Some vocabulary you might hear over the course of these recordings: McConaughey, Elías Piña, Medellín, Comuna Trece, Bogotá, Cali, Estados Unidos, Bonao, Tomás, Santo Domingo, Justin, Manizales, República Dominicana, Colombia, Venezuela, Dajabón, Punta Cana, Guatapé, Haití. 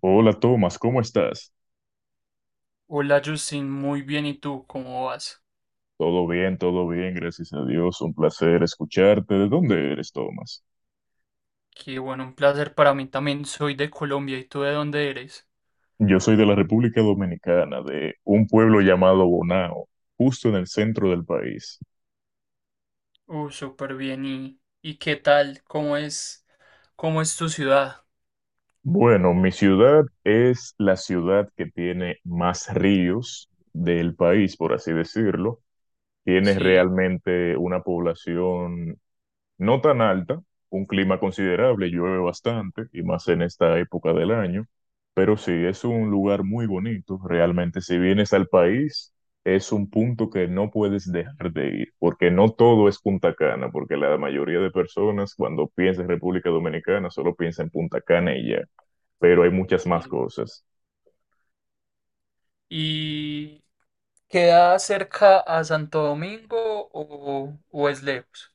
Hola Tomás, ¿cómo estás? Hola Justin, muy bien. ¿Y tú cómo vas? Todo bien, gracias a Dios. Un placer escucharte. ¿De dónde eres, Tomás? Qué bueno, un placer para mí también. Soy de Colombia. ¿Y tú de dónde eres? Yo soy de la República Dominicana, de un pueblo llamado Bonao, justo en el centro del país. Súper bien. ¿Y qué tal? Cómo es tu ciudad? Bueno, mi ciudad es la ciudad que tiene más ríos del país, por así decirlo. Tiene Sí, realmente una población no tan alta, un clima considerable, llueve bastante y más en esta época del año, pero sí, es un lugar muy bonito. Realmente, si vienes al país, es un punto que no puedes dejar de ir, porque no todo es Punta Cana, porque la mayoría de personas cuando piensa en República Dominicana solo piensa en Punta Cana y ya, pero hay muchas más sí. cosas. ¿Y queda cerca a Santo Domingo o es lejos?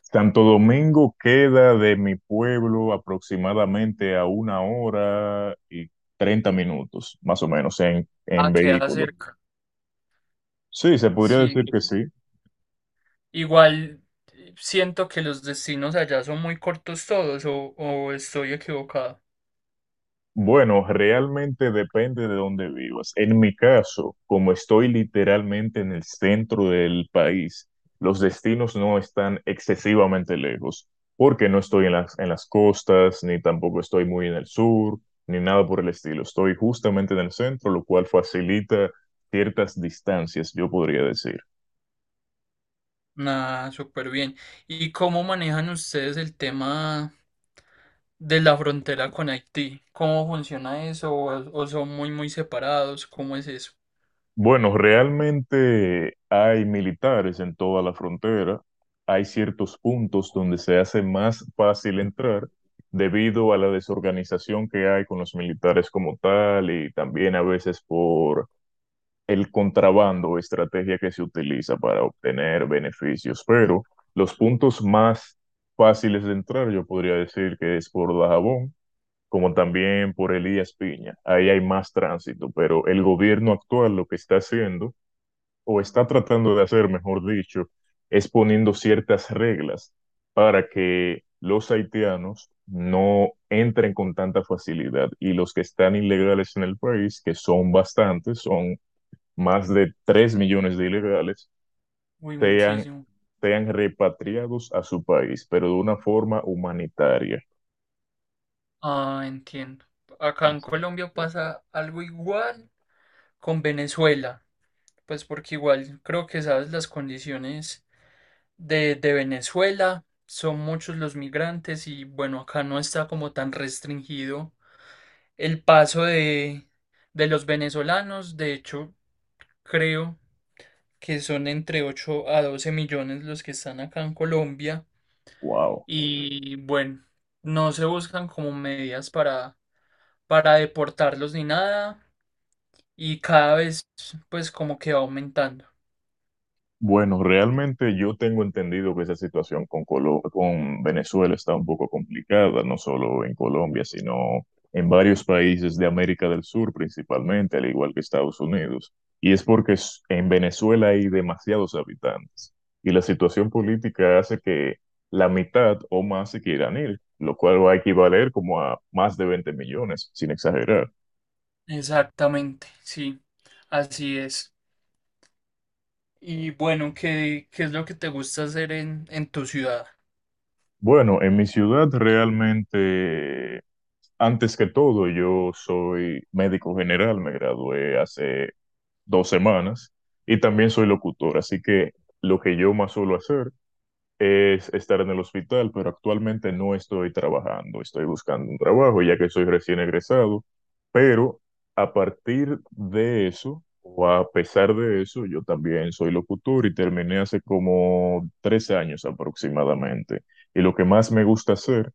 Santo Domingo queda de mi pueblo aproximadamente a una hora y 30 minutos, más o menos, en, Ah, en queda vehículo. cerca. Sí, se podría Sí. decir que sí. Igual siento que los destinos allá son muy cortos todos o estoy equivocado. Bueno, realmente depende de dónde vivas. En mi caso, como estoy literalmente en el centro del país, los destinos no están excesivamente lejos, porque no estoy en las costas, ni tampoco estoy muy en el sur, ni nada por el estilo. Estoy justamente en el centro, lo cual facilita ciertas distancias, yo podría decir. Nada, súper bien. ¿Y cómo manejan ustedes el tema de la frontera con Haití? ¿Cómo funciona eso? ¿O son muy separados? ¿Cómo es eso? Bueno, realmente hay militares en toda la frontera. Hay ciertos puntos donde se hace más fácil entrar debido a la desorganización que hay con los militares como tal y también a veces por el contrabando o estrategia que se utiliza para obtener beneficios. Pero los puntos más fáciles de entrar, yo podría decir que es por Dajabón, como también por Elías Piña. Ahí hay más tránsito, pero el gobierno actual lo que está haciendo o está tratando de hacer, mejor dicho, es poniendo ciertas reglas para que los haitianos no entren con tanta facilidad y los que están ilegales en el país, que son bastantes, son más de 3 millones de ilegales, Uy, sean, muchísimo. sean repatriados a su país, pero de una forma humanitaria. Ah, entiendo. Acá en Colombia pasa algo igual con Venezuela, pues porque igual creo que sabes las condiciones de Venezuela, son muchos los migrantes y bueno, acá no está como tan restringido el paso de los venezolanos, de hecho. Creo que son entre 8 a 12 millones los que están acá en Colombia Wow. y bueno, no se buscan como medidas para deportarlos ni nada y cada vez pues como que va aumentando. Bueno, realmente yo tengo entendido que esa situación con con Venezuela está un poco complicada, no solo en Colombia, sino en varios países de América del Sur principalmente, al igual que Estados Unidos. Y es porque en Venezuela hay demasiados habitantes y la situación política hace que la mitad o más se quieran ir, lo cual va a equivaler como a más de 20 millones, sin exagerar. Exactamente, sí, así es. Y bueno, ¿qué es lo que te gusta hacer en tu ciudad? Bueno, en mi ciudad realmente... Antes que todo, yo soy médico general, me gradué hace 2 semanas y también soy locutor, así que lo que yo más suelo hacer es estar en el hospital, pero actualmente no estoy trabajando, estoy buscando un trabajo ya que soy recién egresado, pero a partir de eso, o a pesar de eso, yo también soy locutor y terminé hace como 3 años aproximadamente. Y lo que más me gusta hacer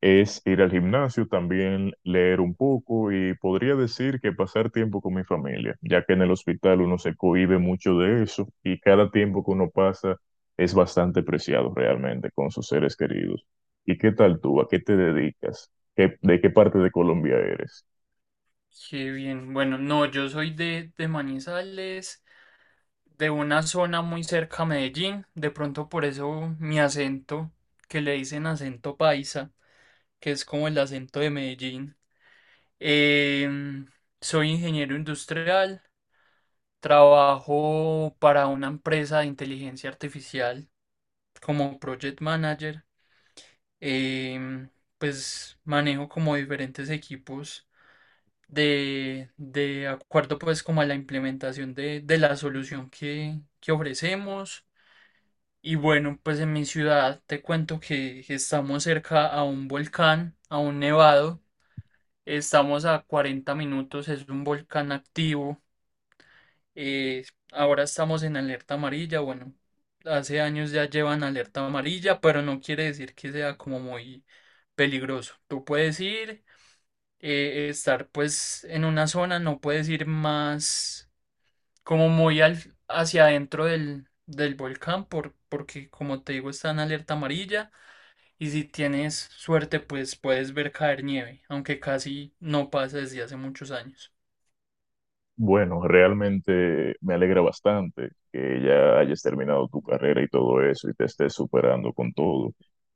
es ir al gimnasio, también leer un poco y podría decir que pasar tiempo con mi familia, ya que en el hospital uno se cohíbe mucho de eso y cada tiempo que uno pasa es bastante preciado realmente con sus seres queridos. ¿Y qué tal tú? ¿A qué te dedicas? ¿De qué parte de Colombia eres? Qué bien, bueno, no, yo soy de Manizales, de una zona muy cerca a Medellín, de pronto por eso mi acento, que le dicen acento paisa, que es como el acento de Medellín. Em, Soy ingeniero industrial, trabajo para una empresa de inteligencia artificial como project manager. Em, pues manejo como diferentes equipos de acuerdo pues como a la implementación de la solución que ofrecemos. Y bueno, pues en mi ciudad te cuento que estamos cerca a un volcán, a un nevado. Estamos a 40 minutos, es un volcán activo. eh, Ahora estamos en alerta amarilla. Bueno, hace años ya llevan alerta amarilla, pero no quiere decir que sea como muy peligroso. Tú puedes ir, estar pues en una zona, no puedes ir más como hacia adentro del volcán porque como te digo está en alerta amarilla. Y si tienes suerte, pues puedes ver caer nieve, aunque casi no pasa desde hace muchos años. Bueno, realmente me alegra bastante que ya hayas terminado tu carrera y todo eso y te estés superando con todo.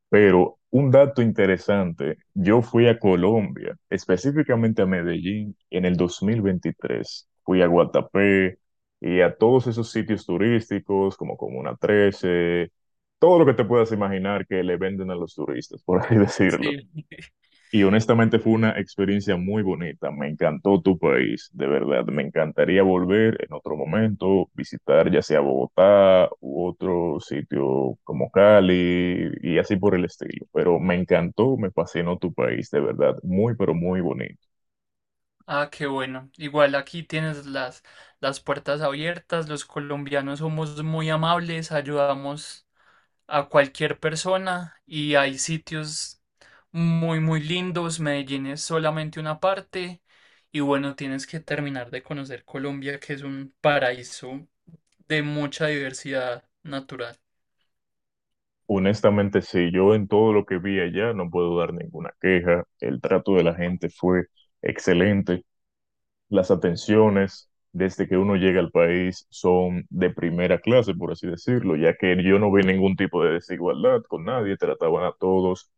Pero un dato interesante, yo fui a Colombia, específicamente a Medellín, en el 2023. Fui a Guatapé y a todos esos sitios turísticos, como Comuna Trece, todo lo que te puedas imaginar que le venden a los turistas, por así decirlo. Sí. Y honestamente fue una experiencia muy bonita. Me encantó tu país, de verdad. Me encantaría volver en otro momento, visitar ya sea Bogotá u otro sitio como Cali y así por el estilo. Pero me encantó, me fascinó tu país, de verdad. Muy, pero muy bonito. Ah, qué bueno. Igual aquí tienes las puertas abiertas. Los colombianos somos muy amables, ayudamos a cualquier persona y hay sitios muy lindos. Medellín es solamente una parte. Y bueno, tienes que terminar de conocer Colombia, que es un paraíso de mucha diversidad natural. Honestamente, sí, yo en todo lo que vi allá no puedo dar ninguna queja. El trato de la gente fue excelente. Las atenciones desde que uno llega al país son de primera clase, por así decirlo, ya que yo no vi ningún tipo de desigualdad con nadie, trataban a todos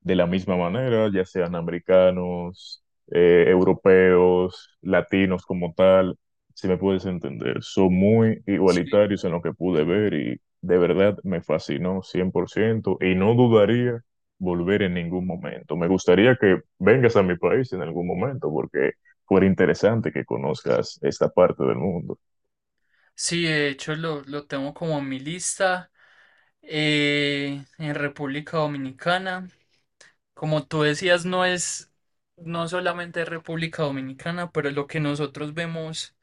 de la misma manera, ya sean americanos, europeos, latinos como tal, si me puedes entender, son muy Sí. igualitarios en lo que pude ver y de verdad me fascinó 100% y no dudaría volver en ningún momento. Me gustaría que vengas a mi país en algún momento porque fuera interesante que conozcas esta parte del mundo. Sí, de hecho lo tengo como en mi lista en República Dominicana. Como tú decías, no solamente República Dominicana, pero lo que nosotros vemos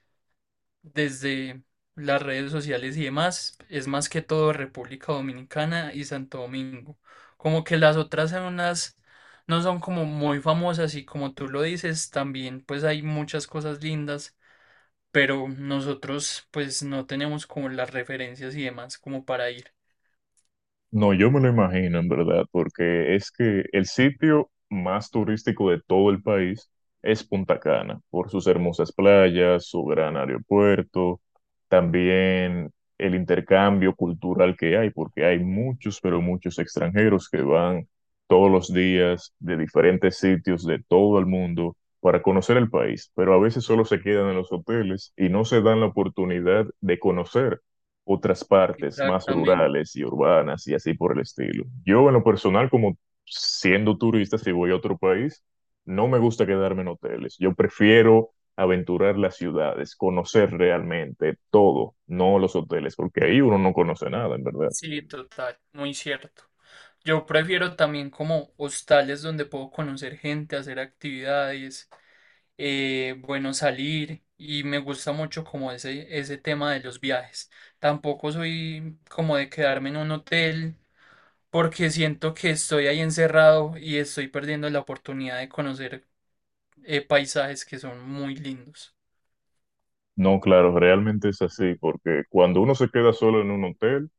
desde las redes sociales y demás es más que todo República Dominicana y Santo Domingo. Como que las otras zonas no son como muy famosas y como tú lo dices, también pues hay muchas cosas lindas, pero nosotros pues no teníamos como las referencias y demás como para ir. No, yo me lo imagino en verdad, porque es que el sitio más turístico de todo el país es Punta Cana, por sus hermosas playas, su gran aeropuerto, también el intercambio cultural que hay, porque hay muchos, pero muchos extranjeros que van todos los días de diferentes sitios de todo el mundo para conocer el país, pero a veces solo se quedan en los hoteles y no se dan la oportunidad de conocer otras partes más Exactamente. rurales y urbanas y así por el estilo. Yo en lo personal, como siendo turista, si voy a otro país, no me gusta quedarme en hoteles. Yo prefiero aventurar las ciudades, conocer realmente todo, no los hoteles, porque ahí uno no conoce nada, en verdad. Sí, total, muy cierto. Yo prefiero también como hostales donde puedo conocer gente, hacer actividades, bueno, salir y me gusta mucho como ese tema de los viajes. Tampoco soy como de quedarme en un hotel porque siento que estoy ahí encerrado y estoy perdiendo la oportunidad de conocer paisajes que son muy lindos. No, claro, realmente es así, porque cuando uno se queda solo en un hotel,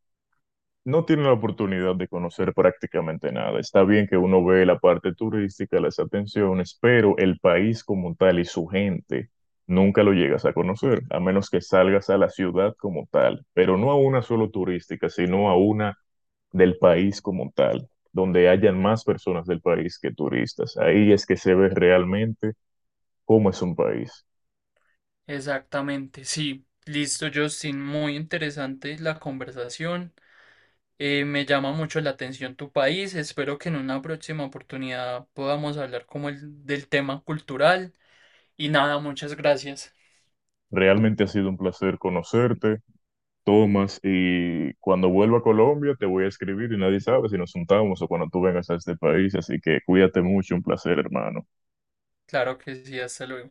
no tiene la oportunidad de conocer prácticamente nada. Está bien que uno ve la parte turística, las atenciones, pero el país como tal y su gente nunca lo llegas a conocer, a menos que salgas a la ciudad como tal, pero no a una solo turística, sino a una del país como tal, donde hayan más personas del país que turistas. Ahí es que se ve realmente cómo es un país. Exactamente, sí. Listo, Justin. Muy interesante la conversación. Me llama mucho la atención tu país. Espero que en una próxima oportunidad podamos hablar como el del tema cultural. Y nada, muchas gracias. Realmente ha sido un placer conocerte. Tomas, y cuando vuelva a Colombia te voy a escribir y nadie sabe si nos juntamos o cuando tú vengas a este país, así que cuídate mucho, un placer, hermano. Claro que sí, hasta luego.